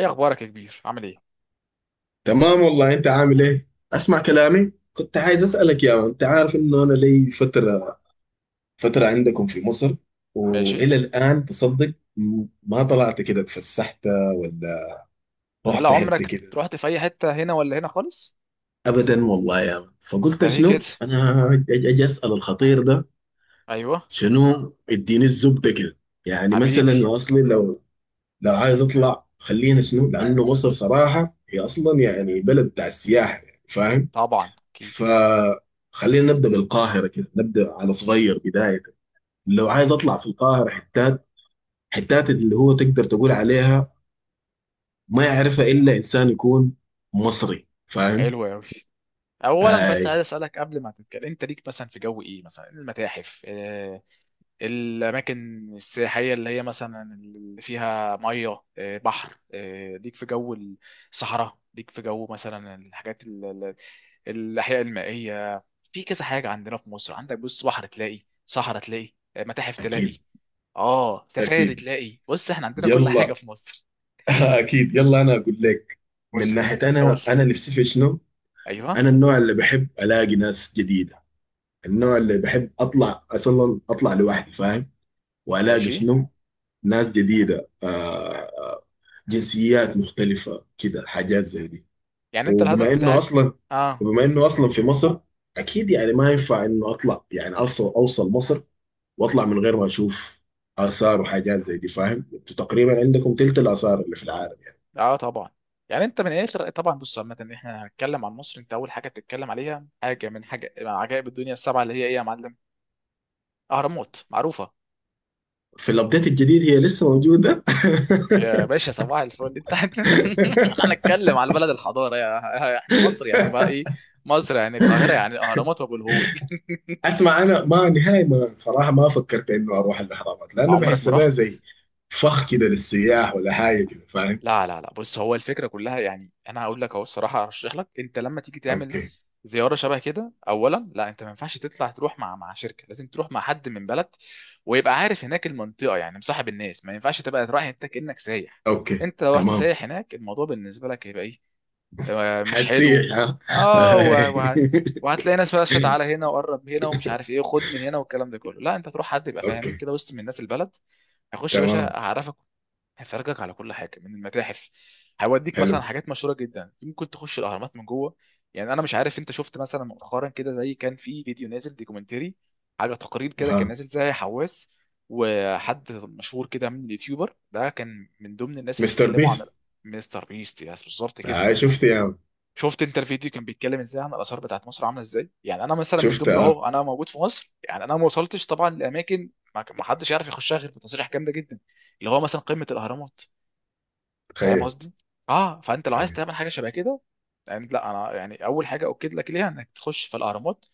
ايه اخبارك يا كبير؟ عامل ايه؟ تمام والله. انت عامل ايه؟ اسمع كلامي، كنت عايز اسالك يا مان. انت عارف انه انا لي فتره عندكم في مصر، ماشي. والى الان تصدق ما طلعت كده اتفسحت ولا ولا رحت حته عمرك كده. رحت في اي حته هنا ولا هنا خالص؟ ابدا والله يا مان. فقلت ده ليه كده؟ شنو، انا اجي اسال الخطير ده. ايوه. شنو، اديني الزبده كده. يعني حبيبي. مثلا يا اصلي، لو عايز اطلع، خلينا شنو، لانه مصر صراحه هي اصلا يعني بلد بتاع السياحه، يعني فاهم. طبعا اكيد. فخلينا نبدا بالقاهره كده، نبدا على صغير بدايه. لو عايز اطلع في القاهره حتات، اللي هو تقدر تقول عليها ما يعرفها الا انسان يكون مصري، فاهم. حلو قوي. اولا اي. بس عايز اسالك قبل ما تتكلم، انت ليك مثلا في جو ايه؟ مثلا المتاحف الاماكن السياحيه اللي هي مثلا اللي فيها ميه بحر ليك في جو الصحراء؟ ليك في جو مثلا الحاجات الاحياء المائيه؟ في كذا حاجه عندنا في مصر. عندك بص بحر تلاقي، صحراء تلاقي، متاحف تلاقي، اكيد، اه سفاري اكيد، تلاقي. بص احنا عندنا كل حاجه يلا. في مصر. اكيد، يلا انا اقول لك. بص من يا سيدي ناحيه، اقول انا لك. نفسي في شنو. ايوه. انا النوع اللي بحب الاقي ناس جديده، النوع اللي بحب اطلع، اصلا اطلع لوحدي فاهم. والاقي ماشي. شنو، ناس جديده، آه، جنسيات مختلفة كده، حاجات زي دي. يعني انت الهدف وبما انه بتاعك. اصلا اه وبما انه اصلا في مصر، اكيد يعني ما ينفع انه اطلع، يعني اوصل مصر واطلع من غير ما اشوف اثار وحاجات زي دي، فاهم؟ انتوا تقريبا عندكم تلت الاثار اللي في العالم، يعني اه طبعا. يعني انت من الاخر طبعا، بص عامه احنا هنتكلم عن مصر. انت اول حاجه بتتكلم عليها حاجه من، حاجه من عجائب الدنيا السبعه، اللي هي ايه يا معلم؟ اهرامات معروفه. في الابديت الجديد هي لسه موجودة. يا باشا صباح الفل انت انا هنتكلم على بلد الحضاره، يا احنا مصر يعني بقى ايه. مصر يعني القاهره، يعني الاهرامات وابو الهول. اسمع، انا ما نهائي، ما صراحة ما فكرت انه اروح الاهرامات، لانه عمرك بحس ما بها رحت. زي فخ كده للسياح ولا حاجة كده، فاهم؟ لا لا لا بص، هو الفكره كلها يعني انا هقول لك اهو، الصراحه ارشح لك انت لما تيجي تعمل اوكي. زياره شبه كده. اولا لا، انت ما ينفعش تطلع تروح مع شركه، لازم تروح مع حد من بلد، ويبقى عارف هناك المنطقه، يعني مصاحب الناس. ما ينفعش تبقى رايح انت كانك سايح. اوكي انت لو رحت تمام. سايح هناك الموضوع بالنسبه لك هيبقى ايه، مش حلو. هتسيح، ها؟ اه و... و... وهتلاقي ناس بقى شت على هنا، وقرب هنا، ومش عارف ايه، وخد من هنا، والكلام ده كله. لا انت تروح حد يبقى فاهمين اوكي كده، وسط من الناس البلد. هيخش يا تمام. باشا هعرفك، هيفرجك على كل حاجه من المتاحف، هيوديك مثلا حلو، حاجات مشهوره جدا، ممكن تخش الاهرامات من جوه. يعني انا مش عارف انت شفت مثلا مؤخرا كده، زي كان في فيديو نازل دوكيومنتري، حاجه تقرير كده ها. كان نازل زي حواس، وحد مشهور كده من اليوتيوبر ده كان من ضمن الناس اللي مستر اتكلموا عن بيست. مستر بيست. يعني بالظبط كده. آه، شفت يا عم. شفت انت الفيديو كان بيتكلم ازاي عن الاثار بتاعت مصر عامله ازاي؟ يعني انا مثلا من شفت، ضمن اه. اهو انا موجود في مصر، يعني انا ما وصلتش طبعا لاماكن ما حدش يعرف يخشها غير بتصريح جامده جدا، اللي هو مثلا قمه الاهرامات. فاهم تخيل، قصدي. اه فانت لو عايز تخيل. تعمل حاجه شبه كده، يعني لا، انا يعني اول حاجه اؤكد لك ليها انك تخش في الاهرامات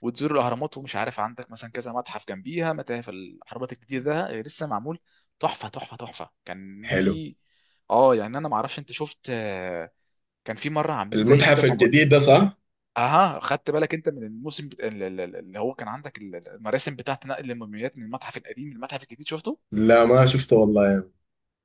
وتزور الاهرامات. ومش عارف عندك مثلا كذا متحف جنبيها، متاحف الاهرامات الجديده ده لسه معمول. تحفه. كان حلو. في اه، يعني انا ما اعرفش انت شفت كان في مره عاملين زي كده المتحف الجديد ده صح؟ اها. خدت بالك انت من الموسم بت... ال- ال- ال- اللي هو كان عندك المراسم بتاعت نقل الموميات من المتحف القديم للمتحف الجديد؟ شفته؟ لا ما شفته والله يا عم.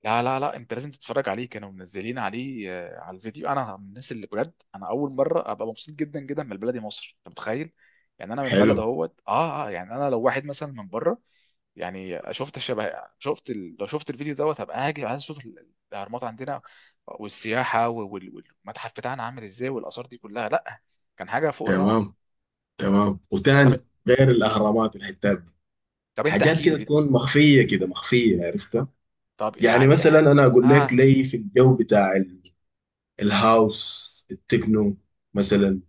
لا لا لا انت لازم تتفرج عليه. كانوا منزلين عليه على الفيديو. انا من الناس اللي بجد انا اول مره ابقى مبسوط جدا جدا من بلدي مصر، انت متخيل. يعني انا من حلو. بلد اهوت اه اه، يعني انا لو واحد مثلا من بره، يعني شفت شبه، شفت لو شفت الفيديو دوت، هبقى هاجي عايز اشوف الاهرامات عندنا والسياحه والمتحف بتاعنا عامل ازاي، والاثار دي كلها. لا كان حاجه فوق الروعه. تمام. تمام طب. وتاني، غير الاهرامات والحتات دي، طب انت حاجات احكي لي كده تكون مخفيه كده، مخفيه عرفتها. طب يعني يعني مثلا انا اقول لك، اه, لي في الجو بتاع الهاوس التكنو مثلا،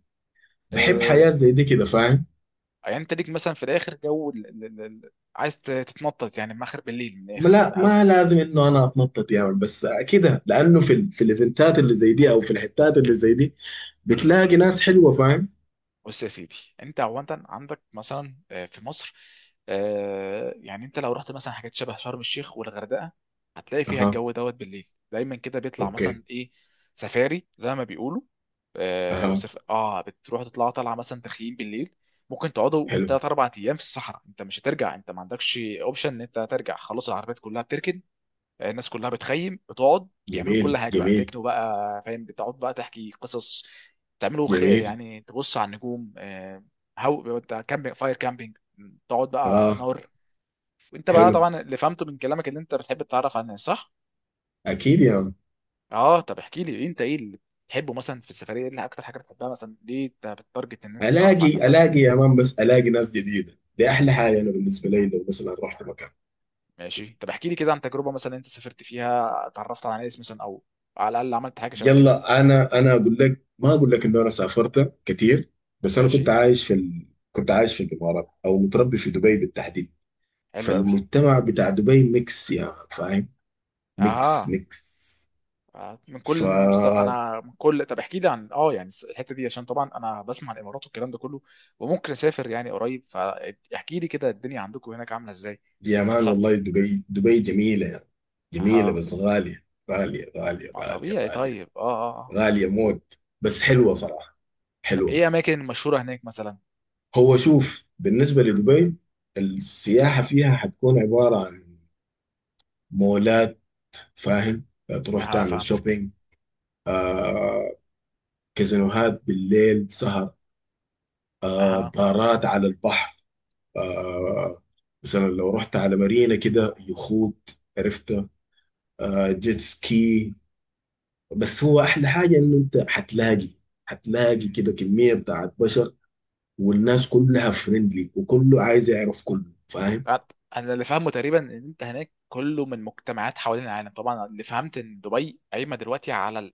بحب آه. حياة زي دي كده، فاهم. يعني انت ليك مثلا في الاخر جو عايز تتنطط يعني من اخر بالليل، من الاخر لا، ما عاوز؟ لازم انه انا اتنطط يا يعني، بس كده، لانه في في الايفنتات اللي زي دي او في الحتات اللي زي دي بتلاقي ناس حلوه، فاهم. بص يا سيدي، انت عندك مثلا في مصر يعني انت لو رحت مثلا حاجات شبه شرم الشيخ والغردقه، هتلاقي فيها اها. الجو دوت بالليل دايما كده بيطلع مثلا اوكي. ايه، سفاري زي ما بيقولوا اها. اه بتروح تطلع طالعه مثلا تخييم بالليل. ممكن تقعدوا حلو. بالثلاث اربع ايام في الصحراء، انت مش هترجع، انت ما عندكش اوبشن ان انت ترجع، خلاص العربيات كلها بتركن، الناس كلها بتخيم، بتقعد بيعملوا كل جميل، حاجه بقى، جميل. تكنو بقى فاهم، بتقعد بقى تحكي قصص، جميل. يعني تبص على النجوم هو بتاع كامبينج فاير، كامبينج، تقعد بقى اه. نار. وانت بقى حلو. طبعا اللي فهمته من كلامك اللي انت بتحب تتعرف على الناس، صح؟ اكيد يا مان. اه طب احكي لي انت ايه اللي بتحبه مثلا في السفريه، ايه اللي اكتر حاجه بتحبها، مثلا ليه انت بتتارجت ان انت تعرف على الناس اكتر؟ الاقي يا مان، بس الاقي ناس جديده دي احلى حاجه. انا بالنسبه لي لو مثلا رحت مكان. ماشي طب احكي لي كده عن تجربه مثلا انت سافرت فيها اتعرفت على ناس مثلا، او على الاقل عملت حاجه شبه كده. يلا، انا اقول لك، ما اقول لك انه انا سافرت كتير. بس انا كنت ماشي. عايش في ال... كنت عايش في الامارات، او متربي في دبي بالتحديد. حلو قوي. فالمجتمع بتاع دبي ميكس يا مان، فاهم. ميكس اها. ميكس. من ف كل مست... انا من كل، طب احكي لي عن اه، يعني الحته دي، عشان طبعا انا بسمع الامارات والكلام ده كله، وممكن اسافر يعني قريب، فاحكي لي كده الدنيا عندكم هناك عامله ازاي. يا مان صح. والله، دبي جميلة يعني. جميلة اه. بس غالية. غالية، غالية، ما غالية، طبيعي. غالية. طيب اه اه آه. غالية موت بس حلوة صراحة. طب حلوة. ايه اماكن مشهوره هناك مثلا؟ هو شوف بالنسبة لدبي، السياحة فيها حتكون عبارة عن مولات، فاهم، تروح اه تعمل فهمتك. شوبينج. آه. كازينوهات بالليل، سهر. آه، اه. بارات على البحر. آه. مثلا لو رحت على مارينا كده، يخوت، عرفت، آه، جيت سكي. بس هو احلى حاجه انه انت حتلاقي مهم. كده كميه بتاعت بشر. والناس كلها فريندلي، وكله عايز يعرف، كله فاهم. آه، انا اللي فاهمه تقريبا ان انت هناك كله من مجتمعات حوالين العالم، طبعا اللي فهمت ان دبي قايمه دلوقتي على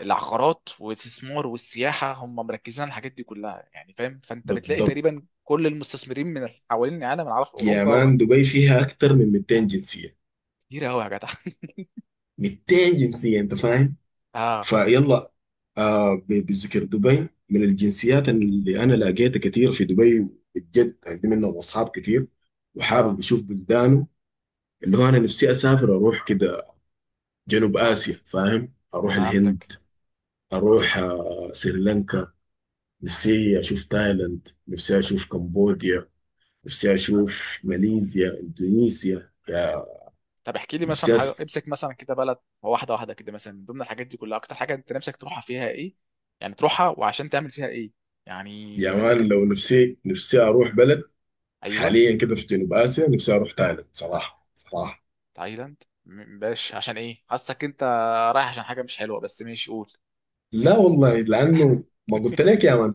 العقارات والاستثمار والسياحه، هم مركزين على الحاجات دي كلها يعني فاهم. فانت بتلاقي بالضبط. تقريبا كل المستثمرين من حوالين العالم، انا عارف يا اوروبا و-. مان دبي فيها اكتر من 200 جنسيه. كتير قوي يا جدع. 200 جنسيه انت فاهم. اه فيلا. آه، بذكر دبي، من الجنسيات اللي انا لقيتها كتير في دبي، بجد عندي منهم اصحاب كتير، وحابب اه اشوف بلدانه. اللي هو انا نفسي اسافر، اروح كده جنوب اسيا فهمت. فاهم، اروح فهمتك. الهند، اروح آه، سريلانكا. نفسي اشوف تايلاند، نفسي طب. اشوف كمبوديا، نفسي اشوف ماليزيا، اندونيسيا. طب احكي لي مثلا نفسي حاجه، أس... امسك مثلا كده بلد واحده واحده كده مثلا من ضمن الحاجات دي كلها، اكتر حاجه انت نفسك تروحها، فيها ايه؟ يعني تروحها وعشان تعمل فيها ايه؟ يعني يا بما انك مان انت. لو، نفسي نفسي اروح بلد ايوه. حاليا كده في جنوب اسيا، نفسي اروح تايلاند، صراحه، صراحه. تايلاند باش، عشان ايه؟ حاسك انت رايح عشان حاجه مش حلوه، بس ماشي قول. لا والله، لانه ما قلت لك يا مان،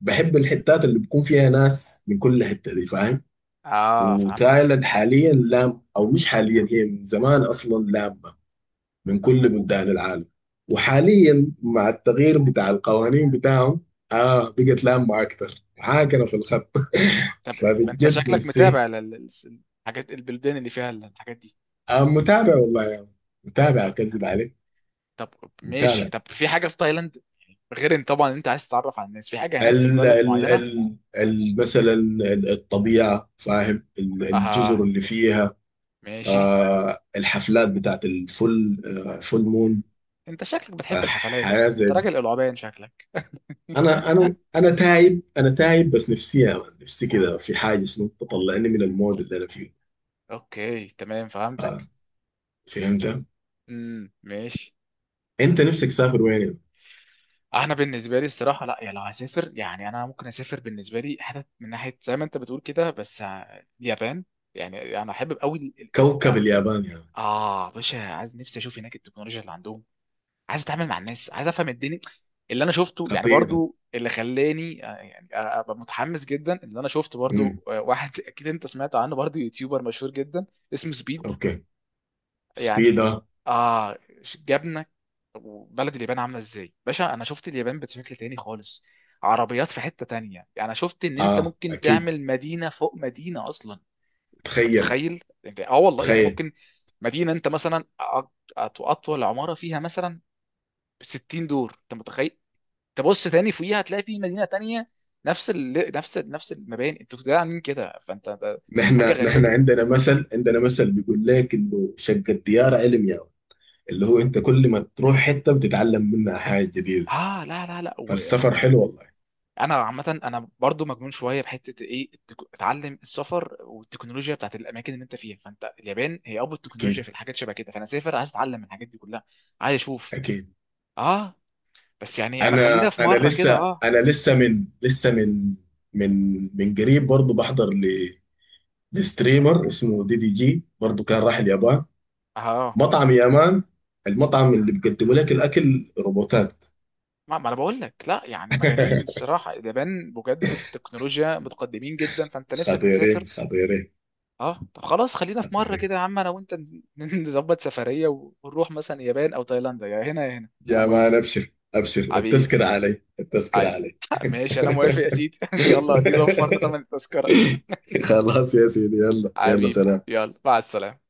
بحب الحتات اللي بيكون فيها ناس من كل حته دي، فاهم. اه فهمتك. وتايلاند حاليا لام او مش حاليا، هي من زمان اصلا لامه من كل بلدان العالم. وحاليا مع التغيير بتاع القوانين بتاعهم، اه بقت لامه اكتر، عاكره في الخط. طب ما انت فبجد شكلك نفسي. متابع لل- الحاجات، البلدان اللي فيها الحاجات دي. آه، متابع والله يعني. متابع، طب. اكذب عليك. طب ماشي. متابع. طب في حاجه في تايلاند غير ان طبعا انت عايز تتعرف على الناس، في حاجه هناك في ال البلد ال معينه؟ ال ال مثلا الطبيعه، فاهم، الجزر اها. اللي فيها. ماشي. آه، الحفلات بتاعت الفل، آه، فول مون. انت شكلك آه، بتحب الحفلات، حياه انت زي دي. راجل العبان شكلك. انا انا تايب، انا تايب، بس نفسي يا مان، نفسي كده في حاجه شنو تطلعني من المود اللي انا فيه. اوكي تمام آه. فهمتك. فهمت. ماشي. انت نفسك تسافر وين يا مان؟ انا بالنسبه لي الصراحه لا، يعني لو هسافر يعني، انا ممكن اسافر بالنسبه لي حتت من ناحيه زي ما انت بتقول كده، بس اليابان. يعني انا احب قوي. كوكب اليابان يا مان. اه باشا، عايز، نفسي اشوف هناك التكنولوجيا اللي عندهم، عايز اتعامل مع الناس، عايز افهم الدنيا. اللي انا شفته يعني خطير. برضو، اللي خلاني يعني ابقى متحمس جدا، اللي انا شفت امم برضو واحد اكيد انت سمعت عنه برضو يوتيوبر مشهور جدا، اسمه سبيد. اوكي. يعني. سبيدا. اه. جابنا وبلد اليابان عامله ازاي باشا. انا شفت اليابان بشكل تاني خالص، عربيات في حتة تانية. يعني انا شفت ان انت اه، ممكن اكيد. تعمل مدينة فوق مدينة اصلا، انت تخيل، متخيل؟ انت اه والله. يعني تخيل. ممكن مدينه، انت مثلا اطول عماره فيها مثلا 60 دور، انت متخيل؟ تبص تاني فوقيها هتلاقي في مدينه تانية، نفس المباني، انتوا ده عاملين كده. فانت ده حاجه نحن غريبه نحن جدا. عندنا مثل بيقول لك انه شق الديار علم يا مان. اللي هو انت كل ما تروح حته بتتعلم منها حاجه جديده. اه لا لا لا فالسفر حلو والله. انا عامه انا برضو مجنون شويه بحته ايه اتعلم السفر والتكنولوجيا بتاعت الاماكن اللي انت فيها، فانت اليابان هي ابو التكنولوجيا اكيد. في الحاجات شبه كده، فانا سافر عايز اتعلم من الحاجات دي كلها، عايز اشوف. اكيد. اه. بس يعني انا انا خلينا في انا مره كده لسه اه. انا لسه من قريب، برضه بحضر لستريمر اسمه دي دي جي، برضه كان راح اليابان. اه مطعم يامان، المطعم اللي بيقدموا لك الاكل روبوتات. ما انا بقول لك، لا يعني مجانين الصراحه، اليابان بجد في التكنولوجيا متقدمين جدا، فانت نفسك تسافر. خطيرين، خطيرين. اه طب خلاص خلينا في مره خطيرين كده يا عم انا وانت نظبط سفريه ونروح مثلا اليابان او تايلاند، يا هنا يا هنا انا يا موافق. مان، ابشر ابشر، حبيبي. التذكرة علي، التذكرة عايز علي. ماشي انا موافق يا سيدي. يلا دي وفرنا ثمن التذكره. خلاص يا سيدي، يلا يلا، حبيبي سلام. يلا مع السلامه.